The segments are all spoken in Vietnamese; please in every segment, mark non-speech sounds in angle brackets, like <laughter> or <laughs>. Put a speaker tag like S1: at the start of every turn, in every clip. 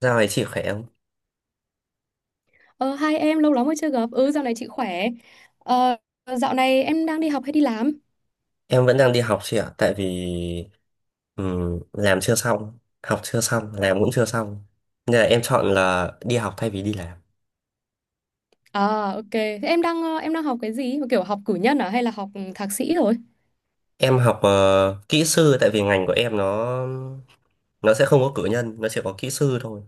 S1: Dạo này chị khỏe không?
S2: Ờ, hai em lâu lắm mới chưa gặp. Ừ, dạo này chị khỏe. Ờ, Dạo này em đang đi học hay đi làm?
S1: Em vẫn đang đi học chị ạ, tại vì làm chưa xong, học chưa xong, làm cũng chưa xong. Nên là em chọn là đi học thay vì đi làm.
S2: À, ok. Thế em đang học cái gì? Kiểu học cử nhân à hay là học thạc sĩ rồi?
S1: Em học kỹ sư tại vì ngành của em nó sẽ không có cử nhân, nó chỉ có kỹ sư thôi.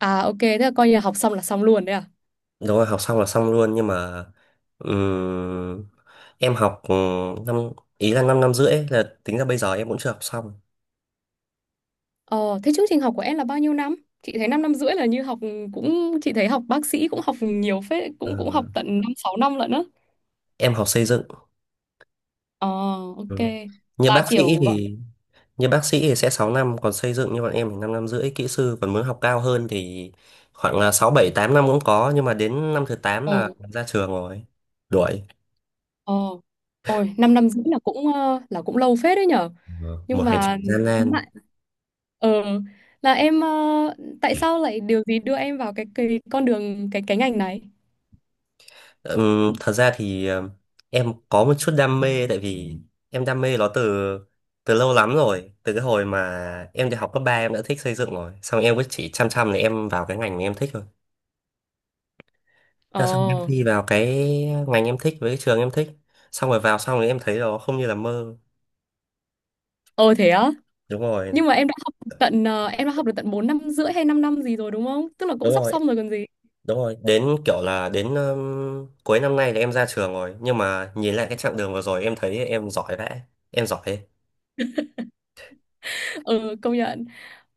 S2: À, ok. Thế là coi như là học xong là xong luôn đấy à?
S1: Đúng rồi, học xong là xong luôn nhưng mà ừm, em học năm ý là 5 năm 5,5 ấy, là tính ra bây giờ em cũng chưa học xong.
S2: Ờ, Thế chương trình học của em là bao nhiêu năm? Chị thấy 5 năm năm rưỡi là như học cũng chị thấy học bác sĩ cũng học nhiều phết,
S1: Ờ,
S2: cũng cũng học tận 5 6 năm lận á.
S1: em học xây dựng.
S2: Ờ, ok.
S1: Ừ. Như
S2: Là
S1: bác sĩ
S2: kiểu gọi
S1: thì như bác sĩ thì sẽ 6 năm, còn xây dựng như bọn em thì 5 năm 5,5 kỹ sư, còn muốn học cao hơn thì khoảng là 6 7 8 năm cũng có, nhưng mà đến năm thứ 8
S2: ờ
S1: là ra trường rồi đuổi.
S2: ờ ôi 5 năm năm rưỡi là là cũng lâu phết đấy nhở.
S1: Ờ, một
S2: Nhưng
S1: hành
S2: mà
S1: trình gian nan.
S2: Ờ, là em ờ, tại sao lại điều gì đưa em vào cái con đường cái ngành này?
S1: Thật ra thì em có một chút đam mê, tại vì em đam mê nó từ từ lâu lắm rồi, từ cái hồi mà em đi học cấp 3 em đã thích xây dựng rồi, xong em cứ chỉ chăm chăm là em vào cái ngành mà em thích thôi.
S2: Ờ,
S1: Thế là xong em thi vào cái ngành em thích với cái trường em thích, xong rồi vào xong rồi em thấy nó không như là mơ.
S2: ờ, thế á.
S1: đúng rồi
S2: Nhưng mà em đã học tận ờ, em đã học được tận 4 năm rưỡi hay 5 năm gì rồi đúng không? Tức là
S1: đúng
S2: cũng sắp
S1: rồi
S2: xong rồi còn gì.
S1: Đúng rồi, đến kiểu là đến cuối năm nay là em ra trường rồi, nhưng mà nhìn lại cái chặng đường vừa rồi em thấy em giỏi vẽ, em giỏi
S2: <laughs> Ờ công nhận.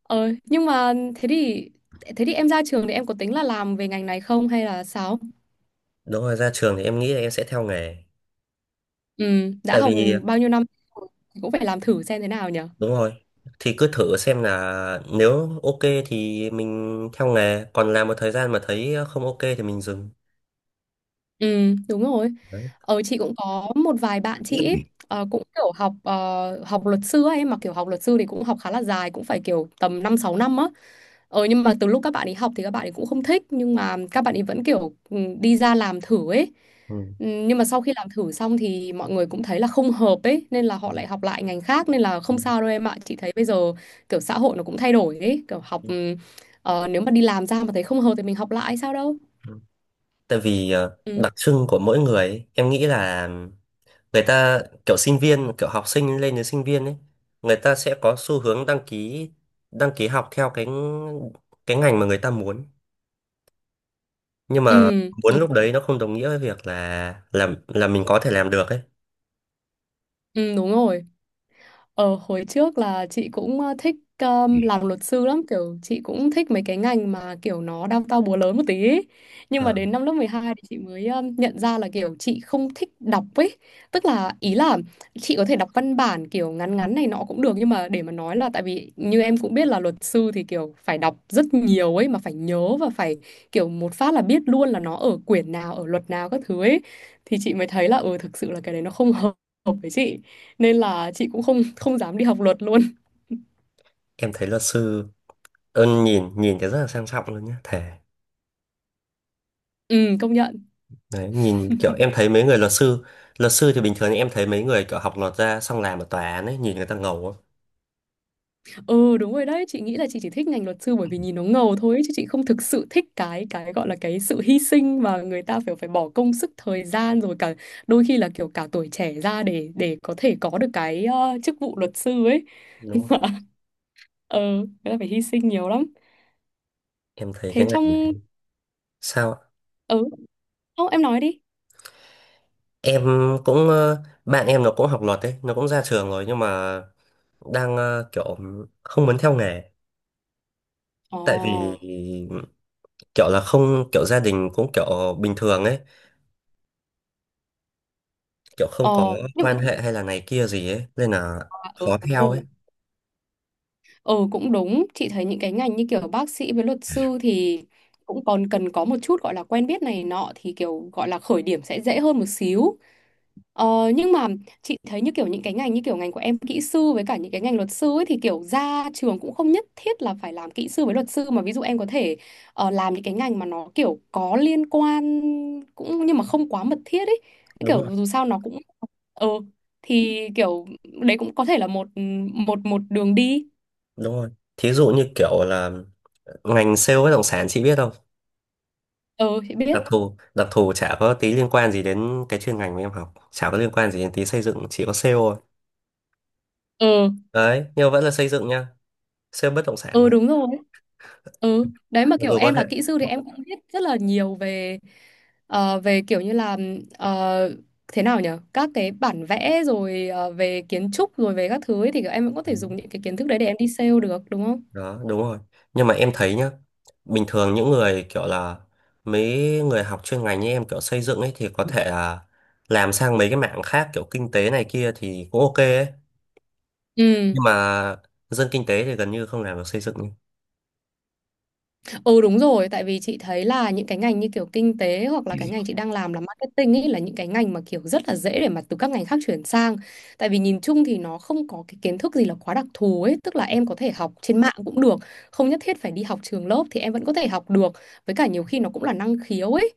S2: Nhưng mà thế thì em ra trường thì em có tính là làm về ngành này không hay là sao?
S1: đúng rồi. Ra trường thì em nghĩ là em sẽ theo nghề,
S2: Ừ, đã
S1: tại
S2: học
S1: vì
S2: bao nhiêu năm thì cũng phải làm thử xem thế nào nhở.
S1: đúng rồi, thì cứ thử xem là nếu ok thì mình theo nghề, còn làm một thời gian mà thấy không ok thì mình dừng.
S2: Ừ, đúng rồi.
S1: Đấy.
S2: Chị cũng có một vài bạn chị ấy, cũng kiểu học luật sư ấy mà kiểu học luật sư thì cũng học khá là dài cũng phải kiểu tầm 5 6 năm á. Nhưng mà từ lúc các bạn ấy học thì các bạn ấy cũng không thích nhưng mà các bạn ấy vẫn kiểu ừ, đi ra làm thử ấy.
S1: Ừ.
S2: Ừ, nhưng mà sau khi làm thử xong thì mọi người cũng thấy là không hợp ấy nên là
S1: Ừ.
S2: họ lại học lại ngành khác nên là không sao đâu em ạ. Chị thấy bây giờ kiểu xã hội nó cũng thay đổi ấy, kiểu học ừ, ờ, nếu mà đi làm ra mà thấy không hợp thì mình học lại sao đâu.
S1: Ừ. Tại vì
S2: Ừ,
S1: đặc trưng của mỗi người ấy, em nghĩ là người ta kiểu sinh viên, kiểu học sinh lên đến sinh viên ấy, người ta sẽ có xu hướng đăng ký, học theo cái ngành mà người ta muốn, nhưng mà
S2: ừ,
S1: muốn
S2: đúng,
S1: lúc đấy nó không đồng nghĩa với việc là làm là mình có thể làm được ấy.
S2: ừ, đúng rồi. Hồi trước là chị cũng thích làm luật sư lắm kiểu chị cũng thích mấy cái ngành mà kiểu nó đao to búa lớn một tí ấy. Nhưng mà
S1: Ờ,
S2: đến năm lớp 12 thì chị mới nhận ra là kiểu chị không thích đọc ấy, tức là ý là chị có thể đọc văn bản kiểu ngắn ngắn này nọ cũng được nhưng mà để mà nói là tại vì như em cũng biết là luật sư thì kiểu phải đọc rất nhiều ấy mà phải nhớ và phải kiểu một phát là biết luôn là nó ở quyển nào ở luật nào các thứ ấy, thì chị mới thấy là ừ thực sự là cái đấy nó không <laughs> hợp hợp với chị nên là chị cũng không không dám đi học luật luôn.
S1: em thấy luật sư ơn, nhìn nhìn cái rất là sang trọng luôn nhá, thề.
S2: Công nhận.
S1: Đấy nhìn, kiểu em thấy mấy người luật sư, thì bình thường em thấy mấy người kiểu học luật ra xong làm ở tòa án ấy, nhìn người ta ngầu lắm,
S2: Ừ, đúng rồi đấy, chị nghĩ là chị chỉ thích ngành luật sư bởi vì nhìn nó ngầu thôi ấy, chứ chị không thực sự thích cái gọi là cái sự hy sinh mà người ta phải phải bỏ công sức thời gian rồi cả đôi khi là kiểu cả tuổi trẻ ra để có thể có được cái chức vụ luật sư ấy.
S1: đúng không?
S2: Ờ, người ta phải hy sinh nhiều lắm.
S1: Em thấy
S2: Thế
S1: cái ngành này
S2: trong
S1: sao
S2: ừ, Không, em nói đi.
S1: em cũng bạn em nó cũng học luật đấy, nó cũng ra trường rồi, nhưng mà đang kiểu không muốn theo nghề, tại vì
S2: Ồ,
S1: kiểu là không, kiểu gia đình cũng kiểu bình thường ấy, kiểu không có
S2: nhưng
S1: quan hệ hay là này kia gì ấy nên là
S2: mà ừ,
S1: khó theo
S2: đúng.
S1: ấy.
S2: Ừ cũng đúng, chị thấy những cái ngành như kiểu bác sĩ với luật sư thì cũng còn cần có một chút gọi là quen biết này nọ thì kiểu gọi là khởi điểm sẽ dễ hơn một xíu. Ờ, nhưng mà chị thấy như kiểu những cái ngành như kiểu ngành của em kỹ sư với cả những cái ngành luật sư ấy thì kiểu ra trường cũng không nhất thiết là phải làm kỹ sư với luật sư mà ví dụ em có thể làm những cái ngành mà nó kiểu có liên quan cũng nhưng mà không quá mật thiết ấy.
S1: Đúng
S2: Kiểu
S1: rồi.
S2: dù sao nó cũng ờ thì kiểu đấy cũng có thể là một một một đường đi.
S1: Đúng rồi, thí dụ như kiểu là ngành sale bất động sản chị biết không?
S2: Ờ chị biết.
S1: Đặc thù, chả có tí liên quan gì đến cái chuyên ngành mà em học, chả có liên quan gì đến tí xây dựng, chỉ có sale thôi.
S2: Ừ,
S1: Đấy, nhưng mà vẫn là xây dựng nha, sale bất động sản
S2: ừ
S1: thôi,
S2: đúng rồi, ừ đấy mà
S1: mặc
S2: kiểu
S1: dù có
S2: em
S1: thể.
S2: là kỹ sư thì em cũng biết rất là nhiều về kiểu như là ờ, thế nào nhở các cái bản vẽ rồi về kiến trúc rồi về các thứ ấy, thì kiểu em cũng có thể
S1: Ừ,
S2: dùng những cái kiến thức đấy để em đi sale được đúng không?
S1: đó đúng rồi, nhưng mà em thấy nhá, bình thường những người kiểu là mấy người học chuyên ngành như em kiểu xây dựng ấy thì có thể là làm sang mấy cái mảng khác, kiểu kinh tế này kia thì cũng ok ấy,
S2: Ừ.
S1: nhưng mà dân kinh tế thì gần như không làm được xây dựng.
S2: Ừ đúng rồi, tại vì chị thấy là những cái ngành như kiểu kinh tế hoặc là cái ngành chị đang làm là marketing ấy là những cái ngành mà kiểu rất là dễ để mà từ các ngành khác chuyển sang. Tại vì nhìn chung thì nó không có cái kiến thức gì là quá đặc thù ấy, tức là em có thể học trên mạng cũng được, không nhất thiết phải đi học trường lớp thì em vẫn có thể học được. Với cả nhiều khi nó cũng là năng khiếu ấy.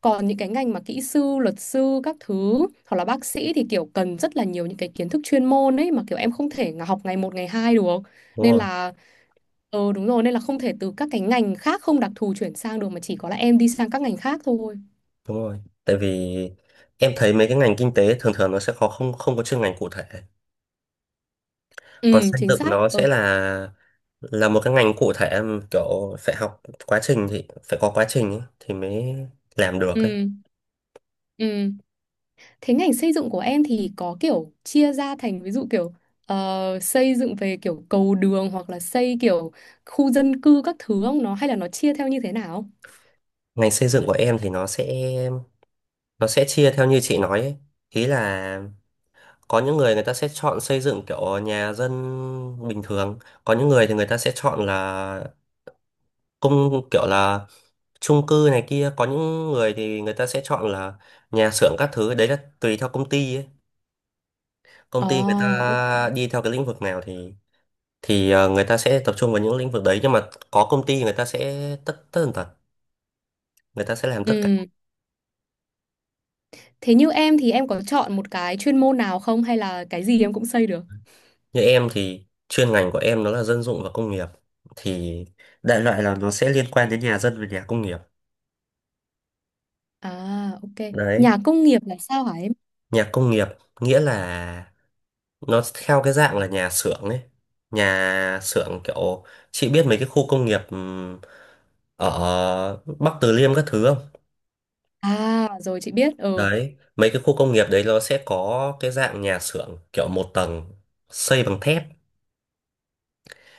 S2: Còn những cái ngành mà kỹ sư, luật sư các thứ hoặc là bác sĩ thì kiểu cần rất là nhiều những cái kiến thức chuyên môn ấy mà kiểu em không thể học ngày một ngày hai được.
S1: Đúng
S2: Nên
S1: rồi.
S2: là ừ đúng rồi nên là không thể từ các cái ngành khác không đặc thù chuyển sang được mà chỉ có là em đi sang các ngành khác thôi.
S1: đúng rồi Tại vì em thấy mấy cái ngành kinh tế thường thường nó sẽ khó, không không có chuyên ngành cụ thể, còn
S2: Ừ
S1: xây
S2: chính
S1: dựng
S2: xác.
S1: nó
S2: Ừ.
S1: sẽ là một cái ngành cụ thể mà kiểu phải học quá trình, thì phải có quá trình ấy, thì mới làm được ấy.
S2: Ừ. Ừ. Thế ngành xây dựng của em thì có kiểu chia ra thành ví dụ kiểu xây dựng về kiểu cầu đường hoặc là xây kiểu khu dân cư các thứ không nó hay là nó chia theo như thế nào?
S1: Ngành xây dựng của em thì nó sẽ chia theo như chị nói ấy. Ý là có những người người ta sẽ chọn xây dựng kiểu nhà dân bình thường, có những người thì người ta sẽ chọn là công, kiểu là chung cư này kia, có những người thì người ta sẽ chọn là nhà xưởng các thứ, đấy là tùy theo công ty ấy. Công ty người
S2: À, ok.
S1: ta đi theo cái lĩnh vực nào thì người ta sẽ tập trung vào những lĩnh vực đấy, nhưng mà có công ty người ta sẽ tất, người ta sẽ làm tất cả.
S2: Ừ. Thế như em thì em có chọn một cái chuyên môn nào không hay là cái gì em cũng xây được?
S1: Như em thì chuyên ngành của em nó là dân dụng và công nghiệp, thì đại loại là nó sẽ liên quan đến nhà dân và nhà công nghiệp.
S2: À ok.
S1: Đấy.
S2: Nhà công nghiệp là sao hả em?
S1: Nhà công nghiệp nghĩa là nó theo cái dạng là nhà xưởng ấy, nhà xưởng kiểu chị biết mấy cái khu công nghiệp ở Bắc Từ Liêm các thứ không?
S2: À rồi chị biết. Ừ.
S1: Đấy, mấy cái khu công nghiệp đấy nó sẽ có cái dạng nhà xưởng kiểu một tầng xây bằng thép.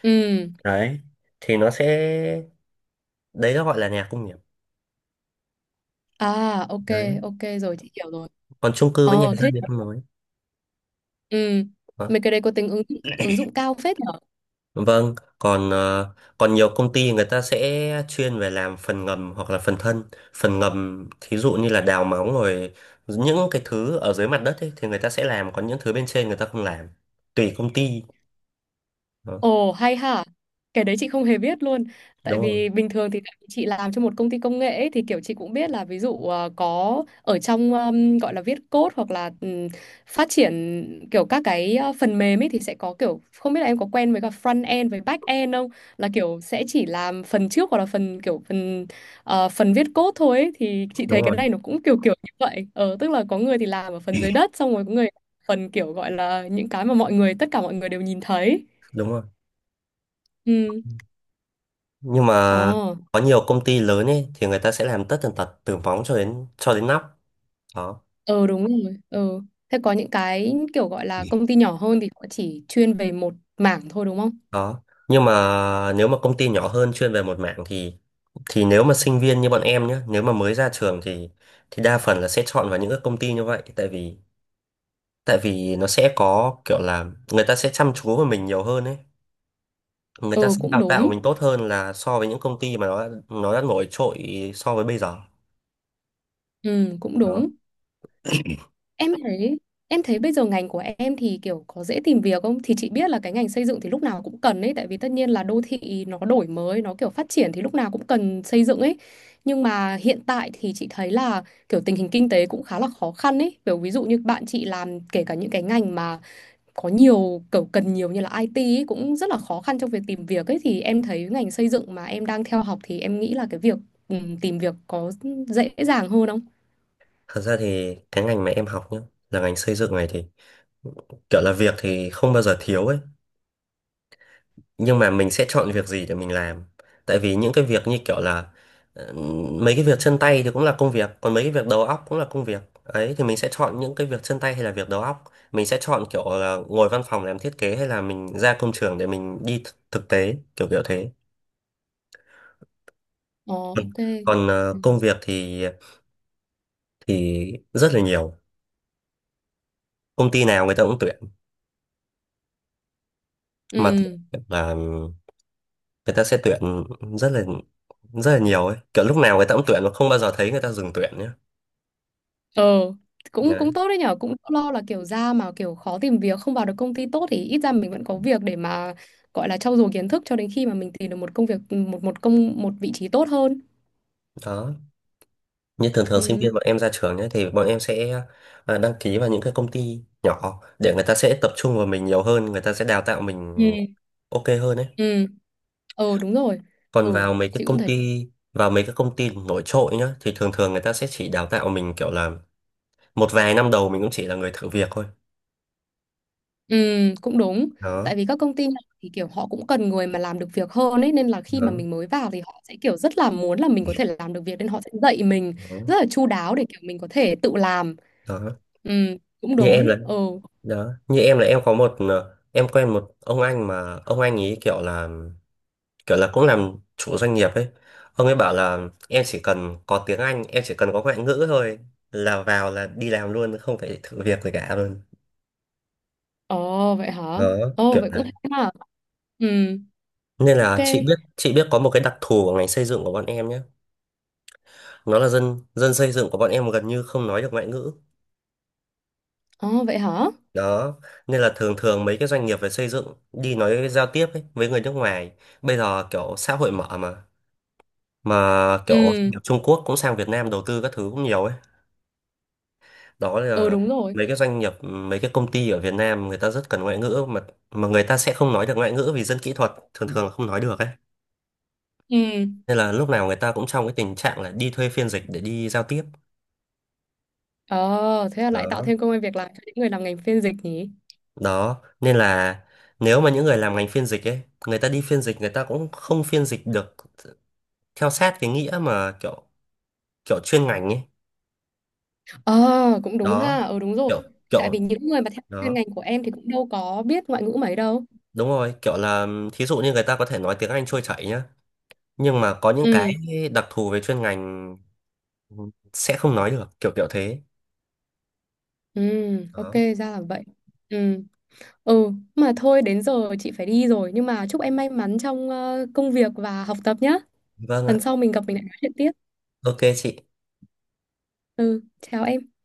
S2: Ừ.
S1: Đấy, thì nó sẽ, đấy nó gọi là nhà công nghiệp.
S2: À, ok,
S1: Đấy,
S2: ok rồi chị hiểu rồi.
S1: còn chung cư với nhà
S2: Ờ
S1: dân
S2: thế,
S1: thì không nói.
S2: ừ.
S1: Ờ.
S2: Mấy cái đấy có tính ứng dụng cao phết nhỉ?
S1: Vâng, còn còn nhiều công ty người ta sẽ chuyên về làm phần ngầm hoặc là phần thân. Phần ngầm thí dụ như là đào móng rồi những cái thứ ở dưới mặt đất ấy, thì người ta sẽ làm, còn những thứ bên trên người ta không làm. Tùy công ty. Đó,
S2: Ồ hay hả, cái đấy chị không hề biết luôn. Tại
S1: đúng rồi,
S2: vì bình thường thì tại vì chị làm cho một công ty công nghệ ấy, thì kiểu chị cũng biết là ví dụ có ở trong gọi là viết code hoặc là phát triển kiểu các cái phần mềm ấy thì sẽ có kiểu không biết là em có quen với cả front end với back end không? Là kiểu sẽ chỉ làm phần trước hoặc là phần kiểu phần ờ, phần viết code thôi ấy. Thì chị
S1: đúng
S2: thấy cái
S1: rồi,
S2: này nó cũng kiểu kiểu như vậy. Ờ tức là có người thì làm ở phần dưới đất xong rồi có người phần kiểu gọi là những cái mà mọi người tất cả mọi người đều nhìn thấy.
S1: đúng rồi.
S2: Ừ.
S1: Nhưng
S2: Ồ,
S1: mà có nhiều công ty lớn ấy thì người ta sẽ làm tất tần tật từ móng cho đến nóc. Đó.
S2: ờ đúng rồi. Ờ, Thế có những cái kiểu gọi là công ty nhỏ hơn thì họ chỉ chuyên về một mảng thôi đúng không?
S1: Đó, nhưng mà nếu mà công ty nhỏ hơn chuyên về một mảng, thì nếu mà sinh viên như bọn em nhé, nếu mà mới ra trường thì đa phần là sẽ chọn vào những cái công ty như vậy, tại vì nó sẽ có kiểu là người ta sẽ chăm chú vào mình nhiều hơn ấy, người ta
S2: Ừ
S1: sẽ
S2: cũng
S1: đào tạo
S2: đúng.
S1: mình tốt hơn là so với những công ty mà nó đã nổi trội so với bây giờ.
S2: Ừ cũng
S1: Đó.
S2: đúng. Em thấy em thấy bây giờ ngành của em thì kiểu có dễ tìm việc không? Thì chị biết là cái ngành xây dựng thì lúc nào cũng cần ấy tại vì tất nhiên là đô thị nó đổi mới, nó kiểu phát triển thì lúc nào cũng cần xây dựng ấy. Nhưng mà hiện tại thì chị thấy là kiểu tình hình kinh tế cũng khá là khó khăn ấy. Kiểu ví dụ như bạn chị làm kể cả những cái ngành mà có nhiều kiểu cần nhiều như là IT ấy, cũng rất là khó khăn trong việc tìm việc ấy thì em thấy ngành xây dựng mà em đang theo học thì em nghĩ là cái việc tìm việc có dễ dàng hơn không?
S1: Thật ra thì cái ngành mà em học nhé, là ngành xây dựng này, thì kiểu là việc thì không bao giờ thiếu ấy, nhưng mà mình sẽ chọn việc gì để mình làm. Tại vì những cái việc như kiểu là ờ, mấy cái việc chân tay thì cũng là công việc, còn mấy cái việc đầu óc cũng là công việc ấy, thì mình sẽ chọn những cái việc chân tay hay là việc đầu óc, mình sẽ chọn kiểu là ngồi văn phòng làm thiết kế hay là mình ra công trường để mình đi thực tế, kiểu kiểu thế.
S2: Ờ
S1: Ừ.
S2: ok.
S1: Còn
S2: Ừ.
S1: công việc thì thì rất là nhiều, công ty nào người ta cũng tuyển, mà
S2: Ừ.
S1: tuyển là người ta sẽ tuyển rất là rất là nhiều ấy, kiểu lúc nào người ta cũng tuyển mà không bao giờ thấy người ta dừng tuyển nhé.
S2: Ờ cũng
S1: Đấy.
S2: cũng tốt đấy nhở, cũng lo là kiểu ra mà kiểu khó tìm việc không vào được công ty tốt thì ít ra mình vẫn có việc để mà gọi là trau dồi kiến thức cho đến khi mà mình tìm được một công việc một một công một vị trí tốt hơn.
S1: Đó. Như thường thường sinh
S2: Ừ.
S1: viên bọn em ra trường nhé, thì bọn em sẽ đăng ký vào những cái công ty nhỏ để người ta sẽ tập trung vào mình nhiều hơn, người ta sẽ đào tạo
S2: Ừ.
S1: mình ok hơn. Đấy.
S2: Ừ. Ờ đúng rồi.
S1: Còn
S2: Ừ,
S1: vào mấy cái
S2: chị cũng
S1: công
S2: thấy.
S1: ty Vào mấy cái công ty nổi trội nhá thì thường thường người ta sẽ chỉ đào tạo mình kiểu là một vài năm đầu, mình cũng chỉ là người thử việc thôi.
S2: Ừ, cũng đúng. Tại
S1: Đó,
S2: vì các công ty này thì kiểu họ cũng cần người mà làm được việc hơn ấy nên là khi mà
S1: đó,
S2: mình mới vào thì họ sẽ kiểu rất là muốn là mình có thể làm được việc nên họ sẽ dạy mình
S1: đó,
S2: rất là chu đáo để kiểu mình có thể tự làm.
S1: đó.
S2: Ừ, cũng
S1: Như em
S2: đúng.
S1: là
S2: Ừ.
S1: đó, như em là em có một em quen một ông anh mà ông anh ấy kiểu là cũng làm chủ doanh nghiệp ấy, ông ấy bảo là em chỉ cần có tiếng Anh, em chỉ cần có ngoại ngữ thôi, là vào là đi làm luôn không phải thử việc gì cả luôn.
S2: Ồ vậy hả?
S1: Đó,
S2: Ồ
S1: kiểu
S2: vậy
S1: là,
S2: cũng hay mà. Ừ,
S1: nên
S2: ok.
S1: là chị biết, có một cái đặc thù của ngành xây dựng của bọn em nhé, nó là dân dân xây dựng của bọn em gần như không nói được ngoại ngữ.
S2: Ồ vậy hả?
S1: Đó, nên là thường thường mấy cái doanh nghiệp về xây dựng đi nói giao tiếp ấy, với người nước ngoài, bây giờ kiểu xã hội mở mà kiểu doanh
S2: Ừ,
S1: nghiệp Trung Quốc cũng sang Việt Nam đầu tư các thứ cũng nhiều ấy. Đó
S2: ừ
S1: là
S2: đúng rồi.
S1: mấy cái doanh nghiệp, mấy cái công ty ở Việt Nam người ta rất cần ngoại ngữ, mà người ta sẽ không nói được ngoại ngữ, vì dân kỹ thuật thường thường là không nói được ấy,
S2: Ừ.
S1: nên là lúc nào người ta cũng trong cái tình trạng là đi thuê phiên dịch để đi giao tiếp.
S2: Ờ thế là lại tạo
S1: Đó.
S2: thêm công ăn việc làm cho những người làm ngành phiên dịch nhỉ?
S1: Đó nên là nếu mà những người làm ngành phiên dịch ấy, người ta đi phiên dịch người ta cũng không phiên dịch được theo sát cái nghĩa mà kiểu kiểu chuyên ngành ấy.
S2: Ờ, cũng đúng
S1: Đó,
S2: ha. Ừ, đúng rồi.
S1: kiểu
S2: Thì tại
S1: kiểu
S2: vì những người mà theo chuyên
S1: đó
S2: ngành của em thì cũng đâu có biết ngoại ngữ mấy đâu.
S1: đúng rồi, kiểu là thí dụ như người ta có thể nói tiếng Anh trôi chảy nhá, nhưng mà có những cái
S2: Ừ,
S1: đặc thù về chuyên ngành sẽ không nói được, kiểu kiểu thế.
S2: ừ, ok,
S1: Đó.
S2: ra là vậy. Ừ, ừ, mà thôi đến giờ chị phải đi rồi. Nhưng mà chúc em may mắn trong công việc và học tập nhá.
S1: Vâng ạ.
S2: Lần sau mình gặp mình lại nói chuyện tiếp.
S1: Ok chị.
S2: Ừ, chào em.